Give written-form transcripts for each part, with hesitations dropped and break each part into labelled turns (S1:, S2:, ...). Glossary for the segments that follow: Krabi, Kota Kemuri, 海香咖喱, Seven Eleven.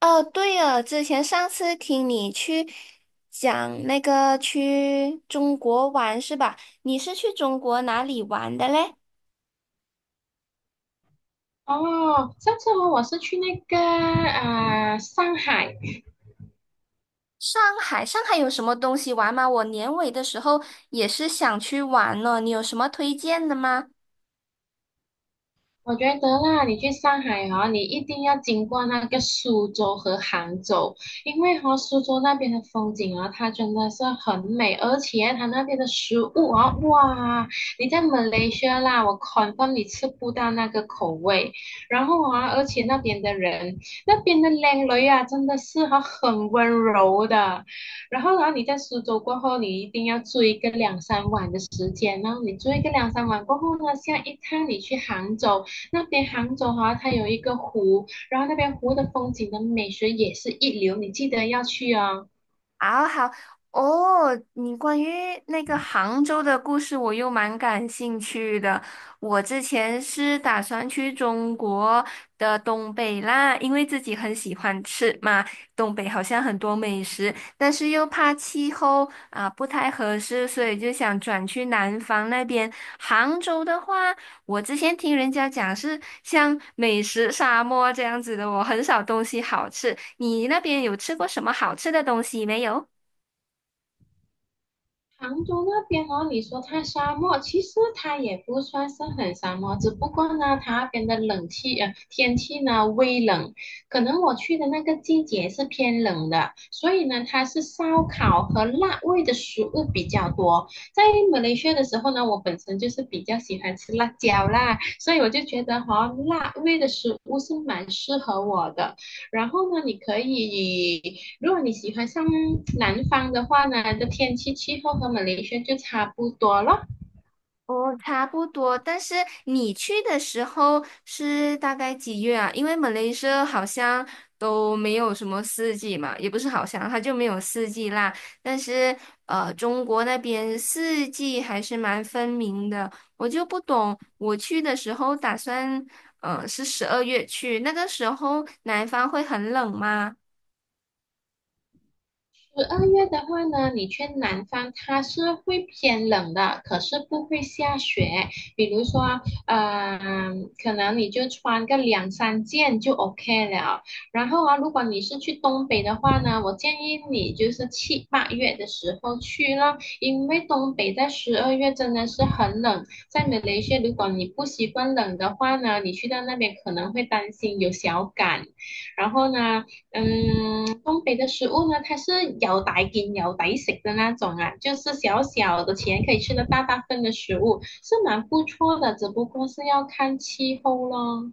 S1: 哦，对了，之前上次听你去讲那个去中国玩是吧？你是去中国哪里玩的嘞？
S2: 哦，上次哦，我是去那个啊、上海。
S1: 上海，上海有什么东西玩吗？我年尾的时候也是想去玩呢，你有什么推荐的吗？
S2: 我觉得啦，你去上海哈、你一定要经过那个苏州和杭州，因为哈、苏州那边的风景啊，它真的是很美，而且它那边的食物啊，哇，你在马来西亚啦，我 c o n 你吃不到那个口味。然后啊，而且那边的人，那边的靓女啊，真的是哈、很温柔的。然后啊，你在苏州过后，你一定要住一个两三晚的时间，然后你住一个两三晚过后呢，下一趟你去杭州。那边杭州哈、啊它有一个湖，然后那边湖的风景的美学也是一流，你记得要去哦。
S1: 好好哦，你关于那个杭州的故事，我又蛮感兴趣的。我之前是打算去中国的东北啦，因为自己很喜欢吃嘛，东北好像很多美食，但是又怕气候啊，不太合适，所以就想转去南方那边。杭州的话，我之前听人家讲是像美食沙漠这样子的，我很少东西好吃。你那边有吃过什么好吃的东西没有？
S2: 杭州那边哦，你说它沙漠，其实它也不算是很沙漠，只不过呢，它那边的天气呢微冷，可能我去的那个季节是偏冷的，所以呢，它是烧烤和辣味的食物比较多。在马来西亚的时候呢，我本身就是比较喜欢吃辣椒啦，所以我就觉得哈、辣味的食物是蛮适合我的。然后呢，你可以。如果你喜欢上南方的话呢，的天气气候和马来西亚就差不多了。
S1: 哦，差不多。但是你去的时候是大概几月啊？因为马来西亚好像都没有什么四季嘛，也不是好像，它就没有四季啦。但是中国那边四季还是蛮分明的。我就不懂，我去的时候打算，是12月去，那个时候南方会很冷吗？
S2: 十二月的话呢，你去南方，它是会偏冷的，可是不会下雪。比如说，可能你就穿个两三件就 OK 了。然后啊，如果你是去东北的话呢，我建议你就是七八月的时候去咯，因为东北在十二月真的是很冷。在马来西亚，如果你不习惯冷的话呢，你去到那边可能会担心有小感。然后呢，东北的食物呢，它是有抵劲、有抵食的那种啊，就是小小的钱可以吃的大大份的食物，是蛮不错的，只不过是要看气候咯。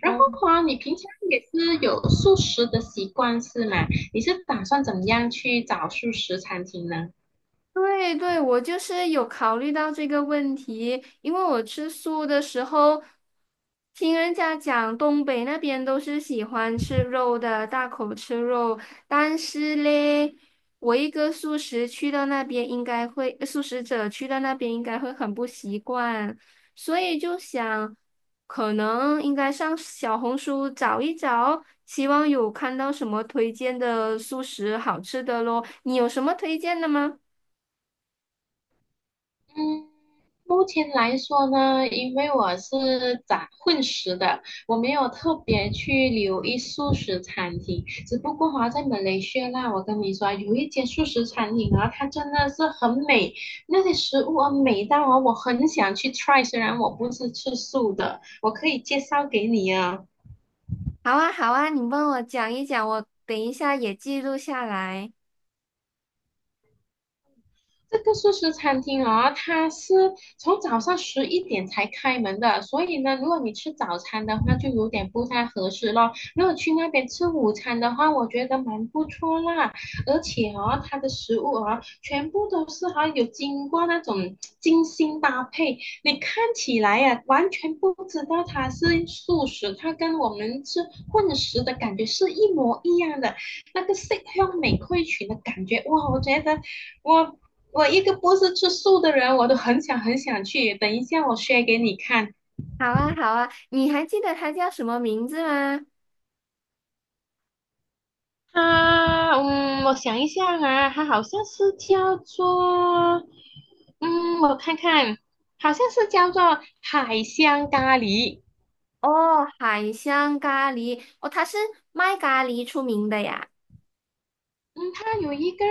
S2: 然
S1: 哦。
S2: 后啊，你平常也是有素食的习惯是吗？你是打算怎么样去找素食餐厅呢？
S1: 对对，我就是有考虑到这个问题，因为我吃素的时候，听人家讲东北那边都是喜欢吃肉的，大口吃肉，但是嘞，我一个素食去到那边应该会，呃素食者去到那边应该会很不习惯，所以就想，可能应该上小红书找一找，希望有看到什么推荐的素食好吃的咯，你有什么推荐的吗？
S2: 嗯，目前来说呢，因为我是杂混食的，我没有特别去留意素食餐厅。只不过哈、在马来西亚啦，我跟你说，有一间素食餐厅啊，它真的是很美，那些食物啊美到啊，我很想去 try。虽然我不是吃素的，我可以介绍给你啊。
S1: 好啊，好啊，你帮我讲一讲，我等一下也记录下来。
S2: 这个素食餐厅哦，它是从早上11点才开门的，所以呢，如果你吃早餐的话，就有点不太合适咯。如果去那边吃午餐的话，我觉得蛮不错啦。而且哦，它的食物哦，全部都是哈、有经过那种精心搭配，你看起来呀、完全不知道它是素食，它跟我们吃混食的感觉是一模一样的，那个色香味俱全的感觉，哇，我觉得。我我一个不是吃素的人，我都很想很想去。等一下我 s 给你看。
S1: 好啊，好啊，你还记得它叫什么名字吗？
S2: 啊，我想一下啊，它好像是叫做，我看看，好像是叫做海香咖喱。
S1: 哦，海香咖喱，哦，它是卖咖喱出名的呀。
S2: 嗯，它有一个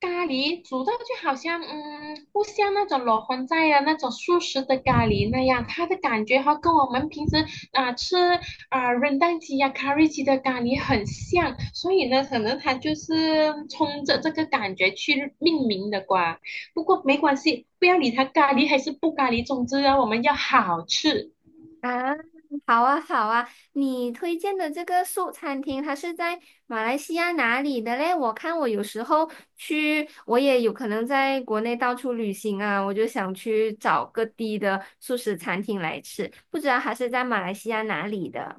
S2: 咖喱煮到就好像，不像那种裸荤菜啊，那种素食的咖喱那样，它的感觉哈跟我们平时啊、吃啊、润蛋鸡呀、咖喱鸡的咖喱很像，所以呢，可能它就是冲着这个感觉去命名的吧。不过没关系，不要理它咖喱还是不咖喱，总之呢，我们要好吃。
S1: 啊，好啊，好啊，你推荐的这个素餐厅，它是在马来西亚哪里的嘞？我看我有时候去，我也有可能在国内到处旅行啊，我就想去找各地的素食餐厅来吃，不知道它是在马来西亚哪里的。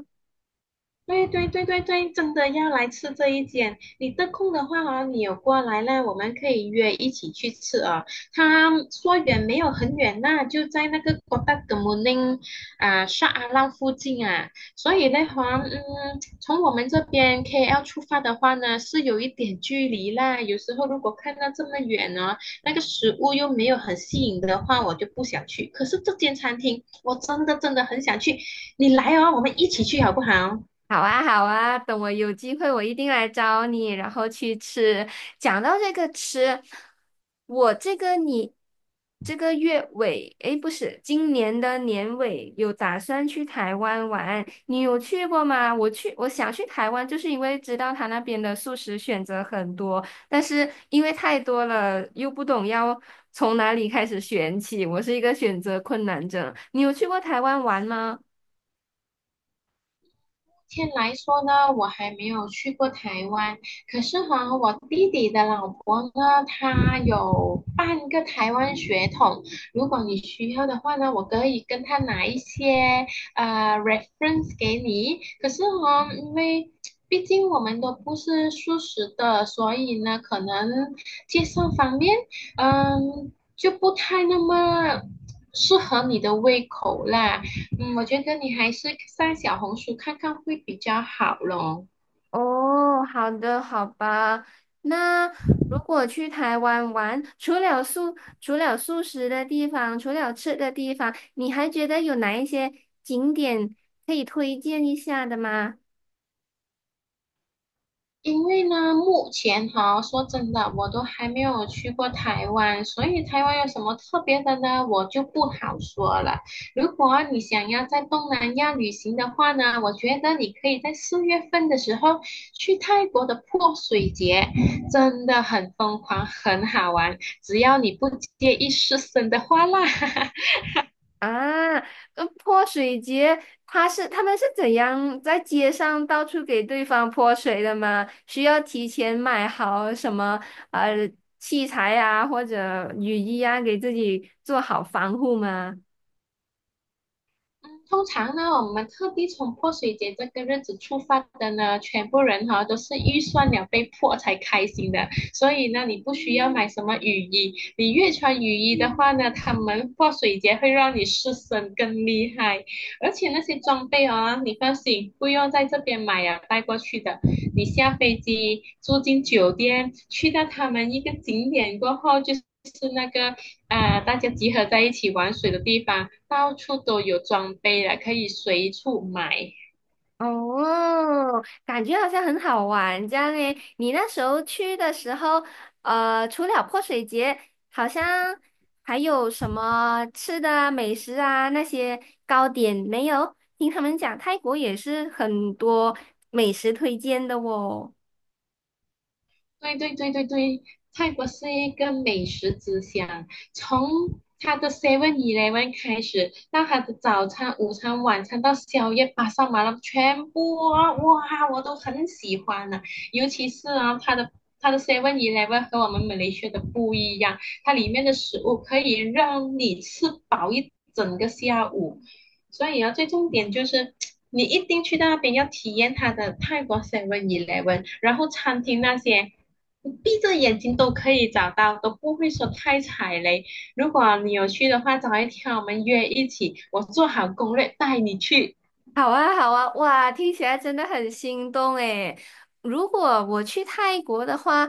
S2: 对对对对对，真的要来吃这一间。你得空的话啊，你有过来呢，我们可以约一起去吃啊。他说远没有很远呐、就在那个 Kota k e m u n i 啊沙阿浪附近啊。所以的话，从我们这边 KL 出发的话呢，是有一点距离啦。有时候如果看到这么远呢，那个食物又没有很吸引的话，我就不想去。可是这间餐厅，我真的真的很想去。你来哦，我们一起去好不好？
S1: 好啊，好啊，等我有机会，我一定来找你，然后去吃。讲到这个吃，我这个你这个月尾，诶，不是，今年的年尾有打算去台湾玩，你有去过吗？我想去台湾，就是因为知道他那边的素食选择很多，但是因为太多了，又不懂要从哪里开始选起，我是一个选择困难症。你有去过台湾玩吗？
S2: 目前来说呢，我还没有去过台湾，可是哈，我弟弟的老婆呢，她有半个台湾血统。如果你需要的话呢，我可以跟他拿一些reference 给你。可是哈，因为毕竟我们都不是素食的，所以呢，可能介绍方面，就不太那么适合你的胃口啦。我觉得你还是上小红书看看会比较好咯。
S1: 哦，好的，好吧。那如果去台湾玩，除了素食的地方，除了吃的地方，你还觉得有哪一些景点可以推荐一下的吗？
S2: 因为呢，目前哈，说真的，我都还没有去过台湾，所以台湾有什么特别的呢，我就不好说了。如果你想要在东南亚旅行的话呢，我觉得你可以在4月份的时候去泰国的泼水节，真的很疯狂，很好玩，只要你不介意湿身的话啦。
S1: 啊，泼水节，他们是怎样在街上到处给对方泼水的吗？需要提前买好什么呃器材啊，或者雨衣啊，给自己做好防护吗？
S2: 嗯，通常呢，我们特地从泼水节这个日子出发的呢，全部人哈都是预算了被迫才开心的，所以呢，你不需要买什么雨衣，你越穿雨衣的话呢，他们泼水节会让你湿身更厉害，而且那些装备哦，你放心，不用在这边买啊，带过去的，你下飞机住进酒店，去到他们一个景点过后就是大家集合在一起玩水的地方，到处都有装备了，可以随处买。
S1: 哦，感觉好像很好玩这样诶。你那时候去的时候，除了泼水节，好像还有什么吃的啊、美食啊那些糕点没有？听他们讲，泰国也是很多美食推荐的哦。
S2: 对对对对对，泰国是一个美食之乡，从它的 Seven Eleven 开始，到它的早餐、午餐、晚餐，到宵夜、巴沙马拉，全部啊哇，我都很喜欢呢、啊尤其是啊，它的 Seven Eleven 和我们美来西亚的不一样，它里面的食物可以让你吃饱一整个下午，所以啊，最重点就是你一定去到那边要体验它的泰国 Seven Eleven，然后餐厅那些，你闭着眼睛都可以找到，都不会说太踩雷。如果你有去的话，找一天我们约一起，我做好攻略带你去。
S1: 好啊，好啊，哇，听起来真的很心动诶。如果我去泰国的话，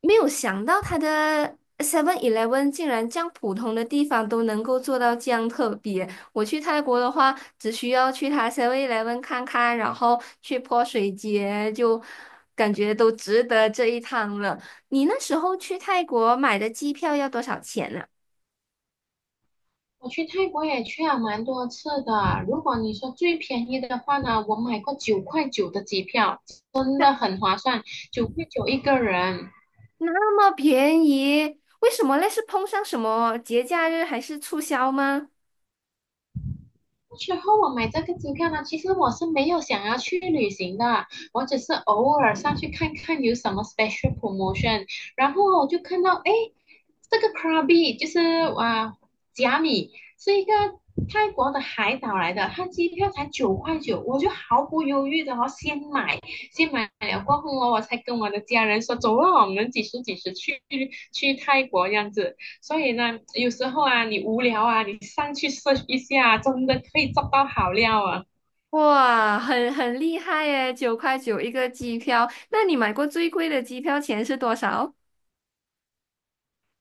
S1: 没有想到它的 Seven Eleven 竟然这样普通的地方都能够做到这样特别。我去泰国的话，只需要去它 Seven Eleven 看看，然后去泼水节，就感觉都值得这一趟了。你那时候去泰国买的机票要多少钱呢？
S2: 我去泰国也去了蛮多次的，如果你说最便宜的话呢，我买过九块九的机票，真的很划算，九块九一个人。
S1: 那么便宜，为什么嘞？是碰上什么节假日还是促销吗？
S2: 最后我买这个机票呢，其实我是没有想要去旅行的，我只是偶尔上去看看有什么 special promotion，然后我就看到，哎，这个 Krabi 就是啊，甲米是一个泰国的海岛来的，它机票才九块九，我就毫不犹豫的哦，先买，先买了过后哦，我才跟我的家人说，走啊，我们几时几时去泰国这样子。所以呢，有时候啊，你无聊啊，你上去 s 一下，真的可以找到好料啊。
S1: 哇，很厉害耶，9块9一个机票。那你买过最贵的机票钱是多少？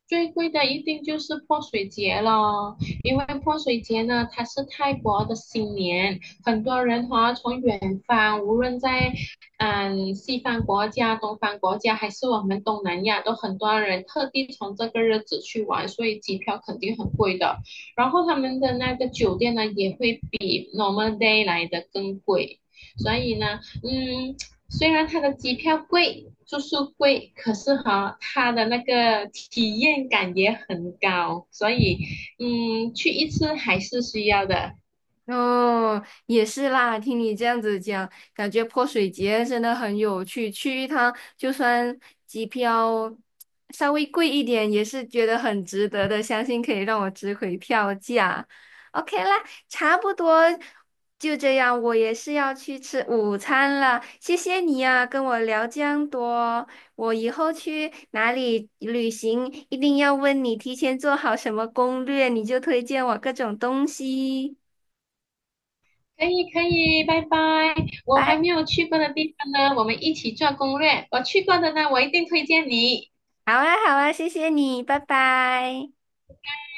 S2: 最贵的一定就是泼水节了，因为泼水节呢，它是泰国的新年，很多人哈、从远方，无论在西方国家、东方国家，还是我们东南亚，都很多人特地从这个日子去玩，所以机票肯定很贵的。然后他们的那个酒店呢，也会比 normal day 来的更贵，所以呢，虽然它的机票贵，住宿贵，可是哈，它的那个体验感也很高，所以，去一次还是需要的。
S1: 哦，也是啦，听你这样子讲，感觉泼水节真的很有趣，去一趟就算机票稍微贵一点，也是觉得很值得的，相信可以让我值回票价。OK 啦，差不多就这样，我也是要去吃午餐了，谢谢你啊，跟我聊这样多，我以后去哪里旅行一定要问你提前做好什么攻略，你就推荐我各种东西。
S2: 可以可以，拜拜。我还没
S1: 拜。
S2: 有去过的地方呢，我们一起做攻略。我去过的呢，我一定推荐你。
S1: 好啊，好啊，谢谢你，拜拜。